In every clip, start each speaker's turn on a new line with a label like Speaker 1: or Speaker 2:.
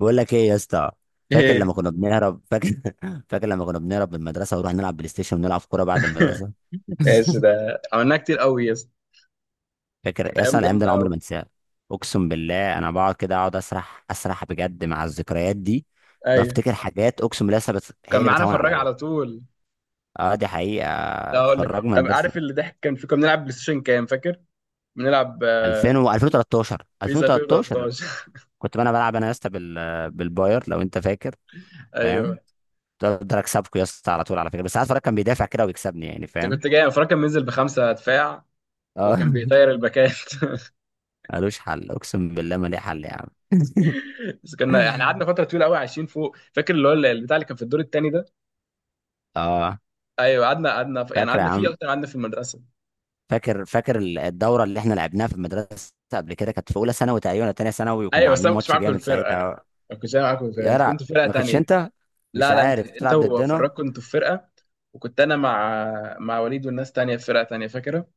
Speaker 1: بقول لك ايه يا اسطى. فاكر لما
Speaker 2: ايه.
Speaker 1: كنا بنهرب فاكر فاكر لما كنا بنهرب من المدرسه ونروح نلعب بلاي ستيشن ونلعب كوره بعد المدرسه.
Speaker 2: ماشي، ده عملناها كتير قوي يا اسطى.
Speaker 1: فاكر
Speaker 2: كانت
Speaker 1: يا اسطى
Speaker 2: ايام
Speaker 1: الايام دي،
Speaker 2: جامده
Speaker 1: انا عمري ما
Speaker 2: قوي.
Speaker 1: انساها. اقسم بالله انا بقعد كده اقعد اسرح بجد مع الذكريات دي.
Speaker 2: ايوه.
Speaker 1: بفتكر حاجات اقسم بالله لسه هي
Speaker 2: كان
Speaker 1: اللي
Speaker 2: معانا
Speaker 1: بتهون
Speaker 2: فراج
Speaker 1: عليا.
Speaker 2: على طول.
Speaker 1: اه دي حقيقه،
Speaker 2: ده اقول لك،
Speaker 1: فرجنا ما
Speaker 2: طب
Speaker 1: نقدرش.
Speaker 2: عارف اللي ضحك كان في، كنا بنلعب بلاي ستيشن كام فاكر؟ بنلعب،
Speaker 1: 2000 و 2013
Speaker 2: بيس
Speaker 1: 2013.
Speaker 2: 2013.
Speaker 1: كنت انا بلعب انا يا اسطى بالباير لو انت فاكر، فاهم؟
Speaker 2: ايوه.
Speaker 1: كنت اقدر اكسبكوا يا اسطى على طول، على فكره، بس ساعات فرج كان بيدافع كده ويكسبني، يعني
Speaker 2: انت
Speaker 1: فاهم.
Speaker 2: كنت جاي، فراج كان بينزل بخمسه دفاع،
Speaker 1: اه
Speaker 2: وكان بيطير الباكات.
Speaker 1: ملوش حل اقسم بالله، ما ليه حل يا عم.
Speaker 2: بس كنا احنا قعدنا فتره طويله قوي عايشين فوق، فاكر اللي هو البتاع اللي كان في الدور الثاني ده؟
Speaker 1: اه.
Speaker 2: ايوه، قعدنا قعدنا يعني،
Speaker 1: فاكر يا
Speaker 2: قعدنا فيه
Speaker 1: عم؟
Speaker 2: اكتر، قعدنا في المدرسه.
Speaker 1: فاكر الدوره اللي احنا لعبناها في المدرسه قبل كده، كانت في اولى ثانوي تقريبا ولا تانية ثانوي، وكنا
Speaker 2: ايوه. بس انا
Speaker 1: عاملين
Speaker 2: ما كنتش
Speaker 1: ماتش
Speaker 2: معاكم في
Speaker 1: جامد
Speaker 2: الفرقه،
Speaker 1: ساعتها.
Speaker 2: ما كنتش أنا معاكم في الفرقه،
Speaker 1: يا
Speaker 2: انت
Speaker 1: جدع،
Speaker 2: كنت في
Speaker 1: ما
Speaker 2: فرقه.
Speaker 1: كنتش انت؟ مش
Speaker 2: لا لا، انت
Speaker 1: عارف
Speaker 2: انت
Speaker 1: بتلعب ضدنا.
Speaker 2: وفراج كنتوا في فرقه، وكنت انا مع وليد والناس تانية في فرقه تانية، فاكره؟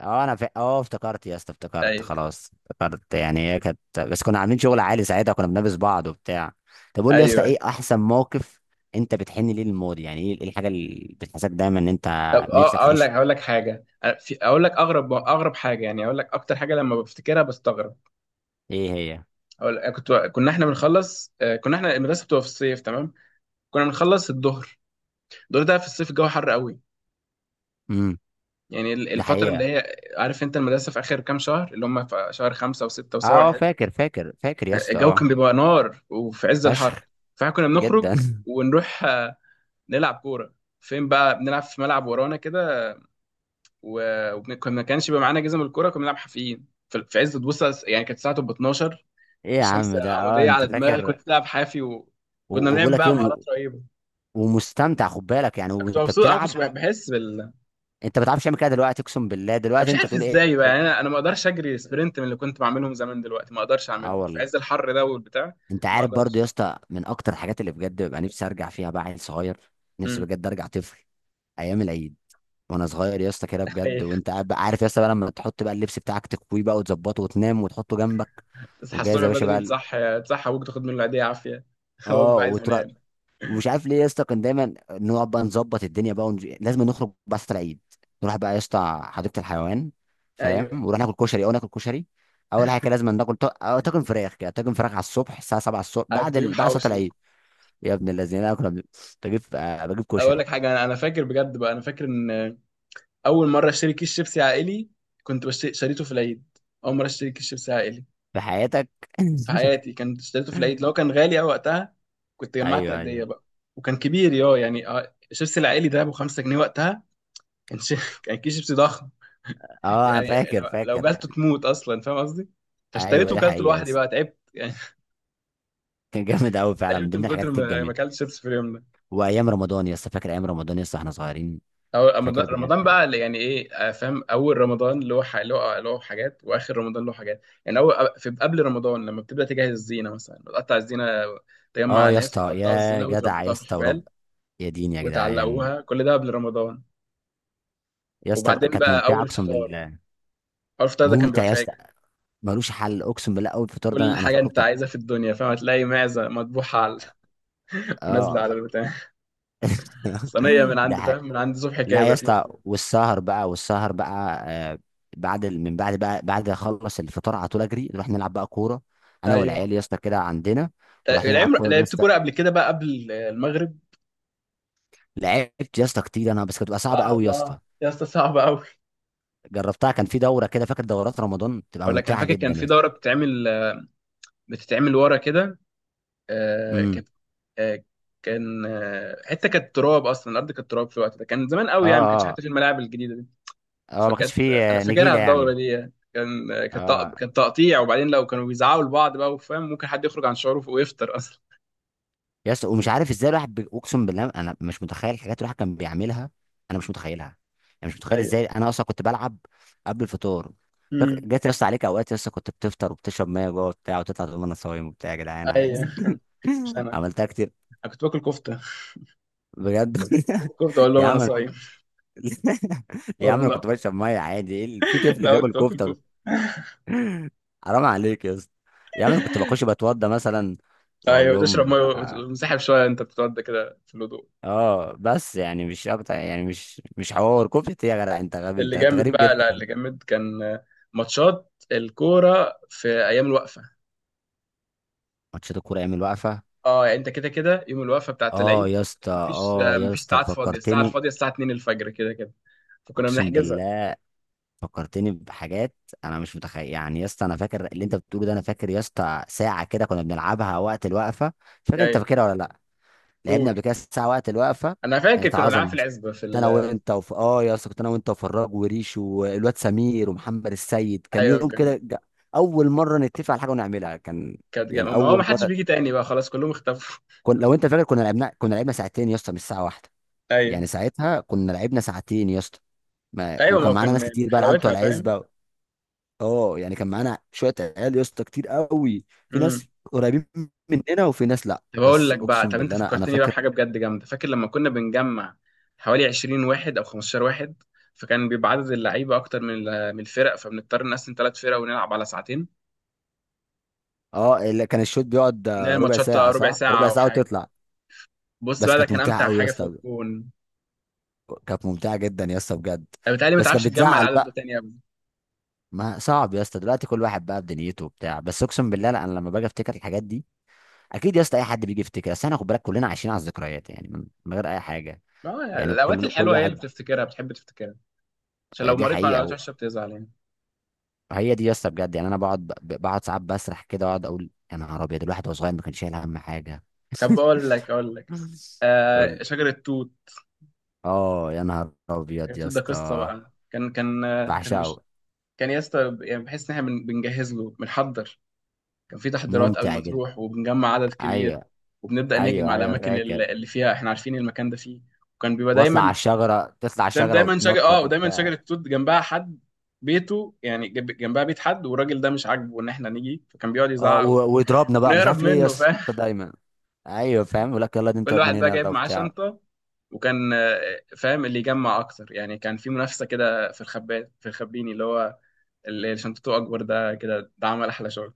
Speaker 1: اه انا فا... اه افتكرت يا اسطى، افتكرت
Speaker 2: ايوه
Speaker 1: خلاص، افتكرت يعني. هي كانت بس كنا عاملين شغل عالي ساعتها، كنا بنلبس بعض وبتاع. طب قول لي يا
Speaker 2: ايوه
Speaker 1: اسطى،
Speaker 2: ايوه.
Speaker 1: ايه احسن موقف؟ انت بتحن ليه للماضي؟ يعني إيه الحاجه اللي بتحسسك دايما ان انت
Speaker 2: طب،
Speaker 1: نفسك
Speaker 2: اقول لك
Speaker 1: تعيش؟
Speaker 2: اقول لك حاجه، في، اقول لك اغرب حاجه يعني. اقول لك اكتر حاجه لما بفتكرها بستغرب.
Speaker 1: ايه
Speaker 2: اقول لك، كنا احنا بنخلص، كنا احنا المدرسه بتبقى في الصيف، تمام؟ كنا بنخلص الظهر، الظهر ده في الصيف الجو حر قوي.
Speaker 1: هي؟
Speaker 2: يعني
Speaker 1: ده
Speaker 2: الفتره اللي
Speaker 1: حقيقة.
Speaker 2: هي، عارف انت، المدرسه في اخر كام شهر، اللي هم في شهر خمسة وستة وسبعة
Speaker 1: اه
Speaker 2: وحاجة.
Speaker 1: فاكر يا اسطى
Speaker 2: الجو
Speaker 1: اه.
Speaker 2: كان بيبقى نار وفي عز الحر،
Speaker 1: فشخ،
Speaker 2: فاحنا كنا
Speaker 1: جدا.
Speaker 2: بنخرج ونروح، نلعب كوره. فين بقى بنلعب؟ في ملعب ورانا كده. وكنا ما كانش بيبقى معانا جزم الكوره، كنا بنلعب حافيين في عز، تبص يعني، كانت الساعه تبقى 12،
Speaker 1: ايه يا
Speaker 2: الشمس
Speaker 1: عم ده؟ اه
Speaker 2: عموديه
Speaker 1: انت
Speaker 2: على دماغي،
Speaker 1: فاكر؟
Speaker 2: كنت بلعب حافي وكنا
Speaker 1: و- وبقول
Speaker 2: بنعمل
Speaker 1: لك ايه
Speaker 2: بقى مهارات
Speaker 1: وم-
Speaker 2: رهيبه.
Speaker 1: ومستمتع، خد بالك، يعني
Speaker 2: كنت
Speaker 1: وانت
Speaker 2: مبسوط، انا ما
Speaker 1: بتلعب.
Speaker 2: كنتش بحس بال.
Speaker 1: انت ما بتعرفش تعمل كده دلوقتي، اقسم بالله
Speaker 2: انا
Speaker 1: دلوقتي
Speaker 2: مش
Speaker 1: انت
Speaker 2: عارف
Speaker 1: تقول ايه.
Speaker 2: ازاي بقى يعني، انا ما اقدرش اجري سبرنت من اللي كنت بعملهم زمان، دلوقتي ما اقدرش
Speaker 1: اه
Speaker 2: اعمله في
Speaker 1: والله.
Speaker 2: عز الحر ده والبتاع.
Speaker 1: انت
Speaker 2: ما
Speaker 1: عارف برضو
Speaker 2: اقدرش.
Speaker 1: يا اسطى، من اكتر الحاجات اللي بجد ببقى نفسي ارجع فيها بقى عيل صغير. نفسي
Speaker 2: امم.
Speaker 1: بجد ارجع طفل. ايام العيد وانا صغير يا اسطى، كده بجد، وانت قاعد عارف يا اسطى بقى لما تحط بقى اللبس بتاعك، تكويه بقى وتظبطه وتنام وتحطه جنبك،
Speaker 2: تصحى
Speaker 1: وجاهز
Speaker 2: الصبح
Speaker 1: يا باشا بقى
Speaker 2: بدري،
Speaker 1: ال-
Speaker 2: تصحى ابوك، تاخد منه العيديه عافيه. هو
Speaker 1: اه
Speaker 2: بيبقى عايز
Speaker 1: وتروح.
Speaker 2: ينام.
Speaker 1: ومش عارف ليه يا اسطى، كان دايما نقعد بقى نظبط الدنيا بقى لازم نخرج بس العيد. نروح بقى يا اسطى حديقه الحيوان، فاهم،
Speaker 2: ايوه،
Speaker 1: ونروح ناكل كشري. اول حاجه كده لازم ناكل ط... أو طاجن فراخ، كده طاجن فراخ على الصبح الساعه 7 الصبح،
Speaker 2: انا كنت بجيب
Speaker 1: بعد صلاه
Speaker 2: حواوشي.
Speaker 1: العيد. يا ابن الذين، انا بجيب بجيب
Speaker 2: اقول
Speaker 1: كشري.
Speaker 2: لك حاجه، انا فاكر بجد بقى، انا فاكر ان اول مره اشتري كيس شيبسي عائلي، شريته في العيد. اول مره اشتري كيس شيبسي عائلي
Speaker 1: في حياتك.
Speaker 2: في حياتي كنت اشتريته في العيد، لو كان غالي قوي وقتها. كنت جمعت
Speaker 1: ايوه
Speaker 2: قديه
Speaker 1: ايوه.
Speaker 2: بقى. وكان كبير يا يعني، الشيبسي العائلي ده ابو 5 جنيه وقتها. كان شي... كان كيس شيبسي ضخم
Speaker 1: اه انا
Speaker 2: يعني. لو
Speaker 1: فاكر
Speaker 2: لو
Speaker 1: فاكر
Speaker 2: جالته تموت اصلا، فاهم قصدي؟
Speaker 1: ايوه
Speaker 2: فاشتريته
Speaker 1: دي
Speaker 2: وكلته
Speaker 1: حقيقه يا
Speaker 2: لوحدي
Speaker 1: اسطى.
Speaker 2: بقى، تعبت يعني.
Speaker 1: كان جامد قوي فعلا، من
Speaker 2: تعبت
Speaker 1: ضمن
Speaker 2: من كتر
Speaker 1: الحاجات
Speaker 2: ما
Speaker 1: الجميله.
Speaker 2: اكلت شيبسي في اليوم ده.
Speaker 1: وايام رمضان يا اسطى، فاكر ايام رمضان يا اسطى احنا صغيرين؟
Speaker 2: أول رمضان،
Speaker 1: فاكر
Speaker 2: رمضان
Speaker 1: بجد.
Speaker 2: بقى اللي يعني إيه، فاهم، أول رمضان له له حاجات، وآخر رمضان له حاجات. يعني أول، في قبل رمضان لما بتبدأ تجهز الزينة مثلا، بتقطع الزينة، تجمع
Speaker 1: اه يا
Speaker 2: ناس
Speaker 1: اسطى،
Speaker 2: يقطعوا
Speaker 1: يا
Speaker 2: الزينة
Speaker 1: جدع يا
Speaker 2: وتربطوها في
Speaker 1: اسطى،
Speaker 2: حبال
Speaker 1: ورب، يا دين يا جدعان.
Speaker 2: وتعلقوها، كل ده قبل رمضان.
Speaker 1: يا اسطى
Speaker 2: وبعدين
Speaker 1: كانت
Speaker 2: بقى
Speaker 1: ممتعه
Speaker 2: أول
Speaker 1: اقسم
Speaker 2: فطار،
Speaker 1: بالله.
Speaker 2: أول فطار ده كان
Speaker 1: ممتع
Speaker 2: بيبقى
Speaker 1: يا اسطى.
Speaker 2: فاجر،
Speaker 1: ملوش حل اقسم بالله، اول فطار ده
Speaker 2: كل
Speaker 1: انا
Speaker 2: حاجة
Speaker 1: فاكره،
Speaker 2: أنت
Speaker 1: طب.
Speaker 2: عايزها في الدنيا فاهم هتلاقي معزة مطبوحة على، ونازلة على
Speaker 1: اه.
Speaker 2: البتاع، صينية من
Speaker 1: ده
Speaker 2: عند، فاهم،
Speaker 1: حاجة.
Speaker 2: من عند صبحي
Speaker 1: لا يا
Speaker 2: كابر
Speaker 1: اسطى،
Speaker 2: نازلة.
Speaker 1: والسهر بقى. آه. بعد ال- من بعد بقى بعد اخلص الفطار، على طول اجري نروح نلعب بقى كوره، انا والعيال
Speaker 2: أيوه.
Speaker 1: يا اسطى كده عندنا. ونروح نلعب كوره يا
Speaker 2: لعبت
Speaker 1: اسطى.
Speaker 2: كورة قبل كده بقى، قبل المغرب.
Speaker 1: لعبت يا اسطى كتير انا، بس كانت بتبقى صعبه قوي يا
Speaker 2: صعبة
Speaker 1: اسطى.
Speaker 2: يا اسطى، صعبة أوي.
Speaker 1: جربتها، كان في دوره كده. فاكر دورات رمضان بتبقى
Speaker 2: اقول لك انا
Speaker 1: ممتعه
Speaker 2: فاكر كان
Speaker 1: جدا يا
Speaker 2: في
Speaker 1: اسطى.
Speaker 2: دوره بتتعمل، بتتعمل ورا كده، آه،
Speaker 1: امم
Speaker 2: كانت آه، كان آه، حته كانت تراب اصلا، الارض كانت تراب في الوقت ده، كان زمان
Speaker 1: اه
Speaker 2: قوي يعني، ما كانش حتى في الملاعب الجديده دي.
Speaker 1: اه ما كانش
Speaker 2: فكانت،
Speaker 1: فيه
Speaker 2: انا فاكرها
Speaker 1: نجيله
Speaker 2: الدوره
Speaker 1: يعني.
Speaker 2: دي يعني. كان آه، كانت تق-
Speaker 1: اه
Speaker 2: كان تقطيع، وبعدين لو كانوا بيزعقوا لبعض بقى، وفاهم، ممكن حد يخرج عن شعوره ويفطر اصلا.
Speaker 1: يا اسطى، ومش عارف ازاي الواحد اقسم بالله انا مش متخيل الحاجات اللي الواحد كان بيعملها. انا مش متخيلها. يعني مش متخيل
Speaker 2: ايوه.
Speaker 1: ازاي انا اصلا كنت بلعب قبل الفطار. فاكر
Speaker 2: امم.
Speaker 1: جت يا اسطى عليك اوقات يا اسطى، كنت بتفطر وبتشرب ميه جوه وبتاع، وتطلع تقول انا صايم وبتاع، يا جدعان
Speaker 2: ايوه.
Speaker 1: عادي.
Speaker 2: مش انا،
Speaker 1: عملتها كتير.
Speaker 2: انا كنت باكل كفته،
Speaker 1: بجد.
Speaker 2: كفته، اقول لهم
Speaker 1: يا
Speaker 2: انا
Speaker 1: عم.
Speaker 2: صايم.
Speaker 1: يا عم انا
Speaker 2: والله.
Speaker 1: كنت بشرب ميه عادي، ايه في طفل
Speaker 2: لا،
Speaker 1: بياكل
Speaker 2: كنت باكل
Speaker 1: كفته!
Speaker 2: كفته.
Speaker 1: حرام عليك يا اسطى. يا عم انا كنت بخش بتوضى مثلا، واقول
Speaker 2: ايوه، وتشرب ميه
Speaker 1: لهم
Speaker 2: وتنسحب شويه، انت بتقعد كده في الهدوء.
Speaker 1: اه، بس يعني مش اكتر، يعني مش حوار كفت يا جدع، انت غبي، انت
Speaker 2: اللي
Speaker 1: أنت
Speaker 2: جامد
Speaker 1: غريب
Speaker 2: بقى، لا،
Speaker 1: جدا.
Speaker 2: اللي جامد كان ماتشات الكوره في ايام الوقفه.
Speaker 1: ماتشات الكوره ايام الوقفه.
Speaker 2: اه، يعني انت كده كده يوم الوقفه بتاعت العيد،
Speaker 1: اه يا اسطى،
Speaker 2: مفيش
Speaker 1: اه يا
Speaker 2: مفيش
Speaker 1: اسطى
Speaker 2: ساعات فاضيه، الساعه
Speaker 1: فكرتني.
Speaker 2: الفاضيه الساعه 2 الفجر كده كده، فكنا
Speaker 1: اقسم
Speaker 2: بنحجزها
Speaker 1: بالله فكرتني بحاجات. انا مش متخيل يعني يا اسطى. انا فاكر اللي انت بتقوله ده. انا فاكر يا اسطى ساعه كده كنا بنلعبها وقت الوقفه. مش فاكر انت
Speaker 2: يعني.
Speaker 1: فاكرها ولا لا؟ لعبنا
Speaker 2: قول،
Speaker 1: قبل كده الساعه وقت الوقفه.
Speaker 2: انا فاكر
Speaker 1: كانت
Speaker 2: كنا بنلعب
Speaker 1: عظمه
Speaker 2: في
Speaker 1: يا اسطى.
Speaker 2: العزبه
Speaker 1: كنت انا وانت وف... اه يا اسطى كنت انا وانت وفراج وريش والواد سمير ومحمد السيد، كان
Speaker 2: ايوه،
Speaker 1: يوم
Speaker 2: كان.
Speaker 1: كده اول مره نتفق على حاجه ونعملها، كان يعني
Speaker 2: ما هو ما
Speaker 1: اول
Speaker 2: حدش
Speaker 1: مره.
Speaker 2: بيجي تاني بقى خلاص، كلهم اختفوا.
Speaker 1: لو انت فاكر، كنا لعبنا ساعتين يا اسطى مش ساعه واحده.
Speaker 2: ايوه
Speaker 1: يعني ساعتها كنا لعبنا ساعتين يا اسطى. ما...
Speaker 2: ايوه. ما
Speaker 1: وكان
Speaker 2: هو كان
Speaker 1: معانا ناس كتير
Speaker 2: من
Speaker 1: بقى، العيال بتوع
Speaker 2: حلاوتها فاهم.
Speaker 1: العزبه. اه يعني كان معانا شويه عيال يا اسطى كتير قوي، في ناس قريبين مننا وفي ناس لا.
Speaker 2: طب اقول
Speaker 1: بس
Speaker 2: لك بقى،
Speaker 1: اقسم
Speaker 2: طب انت
Speaker 1: بالله انا
Speaker 2: فكرتني بقى
Speaker 1: فاكر.
Speaker 2: بحاجه بجد جامده، فاكر لما كنا بنجمع حوالي 20 واحد او 15 واحد؟ فكان بيبقى عدد اللعيبه اكتر من من الفرق، فبنضطر نقسم ثلاث فرق ونلعب على ساعتين.
Speaker 1: اه اللي كان الشوط بيقعد
Speaker 2: بنعمل
Speaker 1: ربع
Speaker 2: ماتشات
Speaker 1: ساعة،
Speaker 2: ربع
Speaker 1: صح؟
Speaker 2: ساعه
Speaker 1: ربع
Speaker 2: او
Speaker 1: ساعة
Speaker 2: حاجه.
Speaker 1: وتطلع.
Speaker 2: بص
Speaker 1: بس
Speaker 2: بقى، ده
Speaker 1: كانت
Speaker 2: كان
Speaker 1: ممتعة
Speaker 2: امتع
Speaker 1: قوي يا
Speaker 2: حاجه في
Speaker 1: اسطى.
Speaker 2: الكون.
Speaker 1: كانت ممتعة جدا يا اسطى بجد.
Speaker 2: انا بتهيألي ما
Speaker 1: بس
Speaker 2: تعرفش
Speaker 1: كانت
Speaker 2: تجمع
Speaker 1: بتزعل
Speaker 2: العدد ده
Speaker 1: بقى.
Speaker 2: تاني ابدا.
Speaker 1: ما صعب يا اسطى دلوقتي، كل واحد بقى بدنيته وبتاع، بس اقسم بالله لا، انا لما باجي افتكر الحاجات دي. اكيد يا اسطى اي حد بيجي يفتكر، بس احنا خد بالك كلنا عايشين على الذكريات، يعني من غير اي حاجة.
Speaker 2: ما هو يعني
Speaker 1: يعني
Speaker 2: الاوقات
Speaker 1: كل
Speaker 2: الحلوه هي اللي
Speaker 1: واحد.
Speaker 2: بتفتكرها، بتحب تفتكرها، عشان لو
Speaker 1: دي
Speaker 2: مريت مع
Speaker 1: حقيقة
Speaker 2: الاوقات وحشه بتزعل يعني.
Speaker 1: هي دي يا اسطى بجد. يعني انا بقعد ساعات بسرح كده، واقعد اقول يا نهار ابيض، الواحد وهو صغير ما كانش شايل هم حاجة.
Speaker 2: طب اقول لك،
Speaker 1: قول.
Speaker 2: شجر التوت،
Speaker 1: اه يا نهار
Speaker 2: شجر
Speaker 1: ابيض يا
Speaker 2: التوت ده قصه
Speaker 1: اسطى.
Speaker 2: بقى. كان
Speaker 1: بعشقه.
Speaker 2: كان يا اسطى يعني، بحس ان احنا بنجهز له، بنحضر، كان في تحضيرات قبل
Speaker 1: ممتع
Speaker 2: ما
Speaker 1: جدا.
Speaker 2: تروح، وبنجمع عدد
Speaker 1: ايوه.
Speaker 2: كبير وبنبدا نهجم
Speaker 1: ايوه
Speaker 2: على
Speaker 1: ايوه
Speaker 2: الاماكن
Speaker 1: فاكر.
Speaker 2: اللي فيها، احنا عارفين المكان ده فيه. وكان بيبقى
Speaker 1: واطلع على
Speaker 2: دايما،
Speaker 1: الشجره، تطلع على
Speaker 2: دايما
Speaker 1: الشجره
Speaker 2: دايما شجر،
Speaker 1: وتنطط
Speaker 2: ودايما
Speaker 1: وبتاع.
Speaker 2: شجره توت جنبها حد، بيته يعني جنبها بيت حد، والراجل ده مش عاجبه ان احنا نيجي فكان بيقعد
Speaker 1: اه
Speaker 2: يزعق،
Speaker 1: ويضربنا بقى، مش
Speaker 2: ونهرب
Speaker 1: عارف ليه يا
Speaker 2: منه، فاهم.
Speaker 1: اسطى دايما. ايوه فاهم، يقول لك يلا دي انت
Speaker 2: كل
Speaker 1: من
Speaker 2: واحد بقى
Speaker 1: هنا،
Speaker 2: جايب
Speaker 1: يلا
Speaker 2: معاه
Speaker 1: وبتاع.
Speaker 2: شنطه، وكان، فاهم، اللي يجمع اكتر، يعني كان في منافسه كده في الخبات، في الخبيني، اللي هو اللي شنطته اكبر ده كده، ده عمل احلى شغل.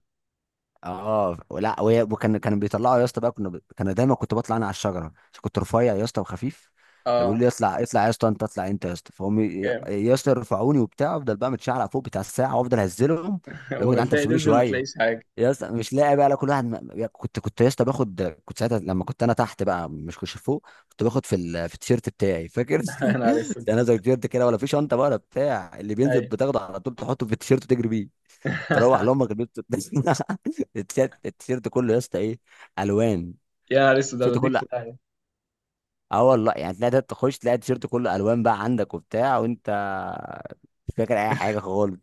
Speaker 1: اه لا وهي- وكان كان بيطلعوا يا اسطى بقى، كان دايما كنت بطلع انا على الشجره عشان كنت رفيع يا اسطى وخفيف. فبيقولوا
Speaker 2: اه
Speaker 1: لي اطلع اطلع يا اسطى، انت اطلع انت يا اسطى، فهم
Speaker 2: كام.
Speaker 1: يا اسطى يرفعوني وبتاع، افضل بقى متشعلق فوق بتاع الساعه، وافضل اهزلهم. اللي هو يا جدعان انت
Speaker 2: وبتلاقي
Speaker 1: بتسيبوني
Speaker 2: تنزل ما
Speaker 1: شويه،
Speaker 2: تلاقيش حاجة.
Speaker 1: يا اسطى مش لاقي بقى. لا، كل واحد كنت يا اسطى باخد، كنت ساعتها لما كنت انا تحت بقى مش كنت فوق، كنت باخد في التيشيرت بتاعي، فاكر؟
Speaker 2: يا نهار اسود.
Speaker 1: انا زي التيشيرت كده، ولا في شنطه بقى ولا بتاع، اللي بينزل
Speaker 2: أيوة.
Speaker 1: بتاخده على طول تحطه في التيشيرت وتجري بيه. تروح لامك البيت. التيشيرت، التيشيرت يا اسطى ايه الوان.
Speaker 2: يا نهار اسود، أنا
Speaker 1: التيشيرت
Speaker 2: بديك
Speaker 1: كله.
Speaker 2: في داهية.
Speaker 1: اه والله، يعني تلاقي ده تخش تلاقي التيشيرت كله الوان بقى عندك وبتاع، وانت مش فاكر اي حاجه خالص.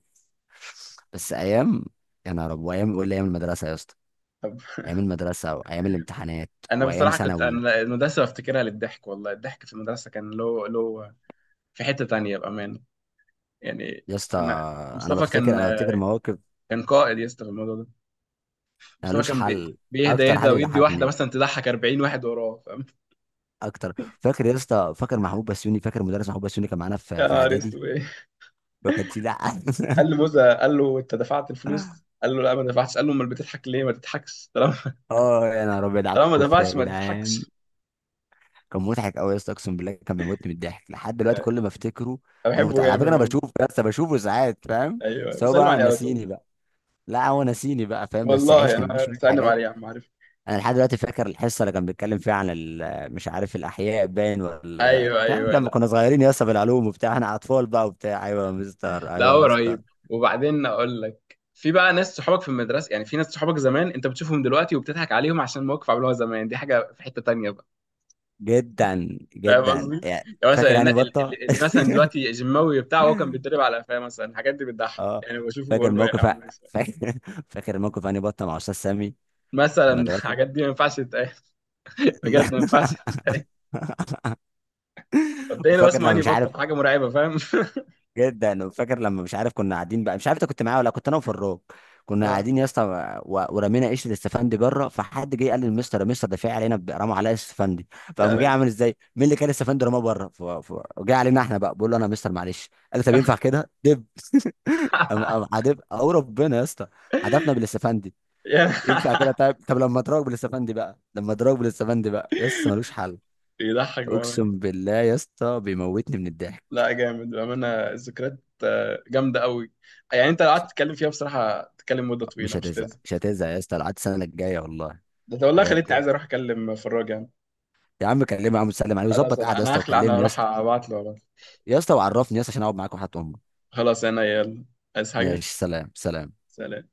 Speaker 1: بس ايام، يا نهار ابيض! ايام ولا ايام المدرسه يا اسطى.
Speaker 2: طب،
Speaker 1: ايام المدرسه وايام الامتحانات
Speaker 2: أنا
Speaker 1: وايام
Speaker 2: بصراحة كنت،
Speaker 1: ثانوي
Speaker 2: أنا المدرسة بفتكرها للضحك والله، الضحك في المدرسة كان له في حتة تانية بأمانة. يعني
Speaker 1: يا اسطى.
Speaker 2: أنا،
Speaker 1: انا
Speaker 2: مصطفى كان،
Speaker 1: بفتكر انا بفتكر مواقف،
Speaker 2: كان قائد يا اسطى في الموضوع ده. مصطفى
Speaker 1: مالوش
Speaker 2: كان
Speaker 1: حل.
Speaker 2: بيهدى،
Speaker 1: اكتر
Speaker 2: يهدى
Speaker 1: حد
Speaker 2: ويدي واحدة
Speaker 1: بيضحكني،
Speaker 2: مثلا تضحك 40 واحد وراه، فاهم.
Speaker 1: اكتر. فاكر يا اسطى؟ فاكر محمود بسيوني؟ فاكر مدرس محمود بسيوني كان معانا
Speaker 2: يا
Speaker 1: في في
Speaker 2: نهار
Speaker 1: اعدادي.
Speaker 2: اسود، إيه؟
Speaker 1: وكان في، لا.
Speaker 2: قال له موزة، قال له أنت دفعت الفلوس؟ قال له لا، ما دفعتش، قال له امال بتضحك ليه؟ ما تضحكش، طالما
Speaker 1: اه يا نهار ابيض، على
Speaker 2: طالما ما
Speaker 1: الكفر يا
Speaker 2: دفعتش ما
Speaker 1: جدعان.
Speaker 2: تضحكش.
Speaker 1: كان مضحك قوي يا اسطى، اقسم بالله كان بيموتني من الضحك لحد دلوقتي كل ما افتكره
Speaker 2: أنا
Speaker 1: اموت.
Speaker 2: بحبه
Speaker 1: على فكره
Speaker 2: جامد
Speaker 1: انا
Speaker 2: أوي.
Speaker 1: بشوفه يا اسطى، بشوفه ساعات، فاهم؟
Speaker 2: أيوه
Speaker 1: سواء
Speaker 2: بسلم
Speaker 1: بقى
Speaker 2: عليه على طول.
Speaker 1: نسيني بقى، لا هو نسيني بقى فاهم، بس
Speaker 2: والله
Speaker 1: عشنا معاه
Speaker 2: أنا
Speaker 1: شويه
Speaker 2: بسلم
Speaker 1: حاجات.
Speaker 2: عليه، يا عم، عارف.
Speaker 1: انا لحد دلوقتي فاكر الحصه اللي كان بيتكلم فيها عن مش عارف الاحياء باين ولا
Speaker 2: أيوه
Speaker 1: مش عارف،
Speaker 2: أيوه.
Speaker 1: لما
Speaker 2: لا
Speaker 1: كنا صغيرين يا اسطى بالعلوم وبتاع، احنا اطفال بقى وبتاع، ايوه يا مستر
Speaker 2: لا،
Speaker 1: ايوه
Speaker 2: هو
Speaker 1: يا اسطى.
Speaker 2: رهيب. وبعدين أقول لك، في بقى ناس صحابك في المدرسة، يعني في ناس صحابك زمان أنت بتشوفهم دلوقتي وبتضحك عليهم عشان موقف عملوها زمان، دي حاجة في حتة تانية بقى،
Speaker 1: جدا
Speaker 2: فاهم
Speaker 1: جدا،
Speaker 2: قصدي؟
Speaker 1: يعني
Speaker 2: يعني مثلا
Speaker 1: فاكر هاني بطه.
Speaker 2: اللي مثلا دلوقتي جيماوي بتاعه، هو كان بيتدرب على قفاه مثلا، الحاجات دي بتضحك،
Speaker 1: اه.
Speaker 2: يعني بشوفه
Speaker 1: فاكر
Speaker 2: بقول له يا
Speaker 1: موقف،
Speaker 2: عم ماشي.
Speaker 1: فاكر فاكر موقف هاني بطه مع استاذ سامي في
Speaker 2: مثلا
Speaker 1: المدرسه.
Speaker 2: الحاجات دي ما ينفعش تتقال،
Speaker 1: لا.
Speaker 2: بجد ما ينفعش تتقال. مبدئيا هو
Speaker 1: وفاكر
Speaker 2: اسمه
Speaker 1: لما
Speaker 2: اني
Speaker 1: مش عارف،
Speaker 2: بطل حاجة مرعبة، فاهم؟
Speaker 1: جدا. وفاكر لما مش عارف كنا قاعدين بقى، مش عارف انت كنت معايا ولا كنت انا وفراج، كنا
Speaker 2: اه
Speaker 1: قاعدين يا اسطى ورمينا قشره استفندي بره، فحد جه قال للمستر، يا مستر ده في علينا رموا عليا استفندي.
Speaker 2: يا
Speaker 1: فقام جه
Speaker 2: ناس.
Speaker 1: عامل ازاي، مين اللي كان استفندي رماه بره؟ جه علينا احنا بقى، بقول له انا يا مستر معلش، قال لي طب ينفع كده، دب. قام قام عدب او ربنا يا اسطى، عدبنا بالاستفندي.
Speaker 2: يعني.
Speaker 1: ينفع كده؟ طيب، طب لما اضربك بالاستفندي بقى يا اسطى ملوش حل.
Speaker 2: بيضحك بأمان.
Speaker 1: اقسم بالله يا اسطى بيموتني من الضحك.
Speaker 2: لا جامد بأمانة، الذكريات جامدة قوي. يعني انت لو قعدت تتكلم فيها بصراحة تتكلم مدة طويلة،
Speaker 1: مش
Speaker 2: مش
Speaker 1: هتزهق
Speaker 2: لازم.
Speaker 1: مش هتزهق يا اسطى لحد السنه الجايه والله.
Speaker 2: ده انت والله خليتني عايز
Speaker 1: بجد.
Speaker 2: اروح اكلم فراج يعني.
Speaker 1: يا عم كلمه، يا عم سلم عليه
Speaker 2: خلاص
Speaker 1: وظبط
Speaker 2: انا
Speaker 1: قعده يا
Speaker 2: انا
Speaker 1: اسطى،
Speaker 2: هخلع، انا
Speaker 1: وكلمني يا
Speaker 2: هروح
Speaker 1: اسطى.
Speaker 2: ابعت له والله.
Speaker 1: يا اسطى وعرفني يا اسطى عشان اقعد معاك، وحياة امك.
Speaker 2: خلاص، انا يلا، عايز حاجة،
Speaker 1: ماشي، سلام سلام.
Speaker 2: سلام.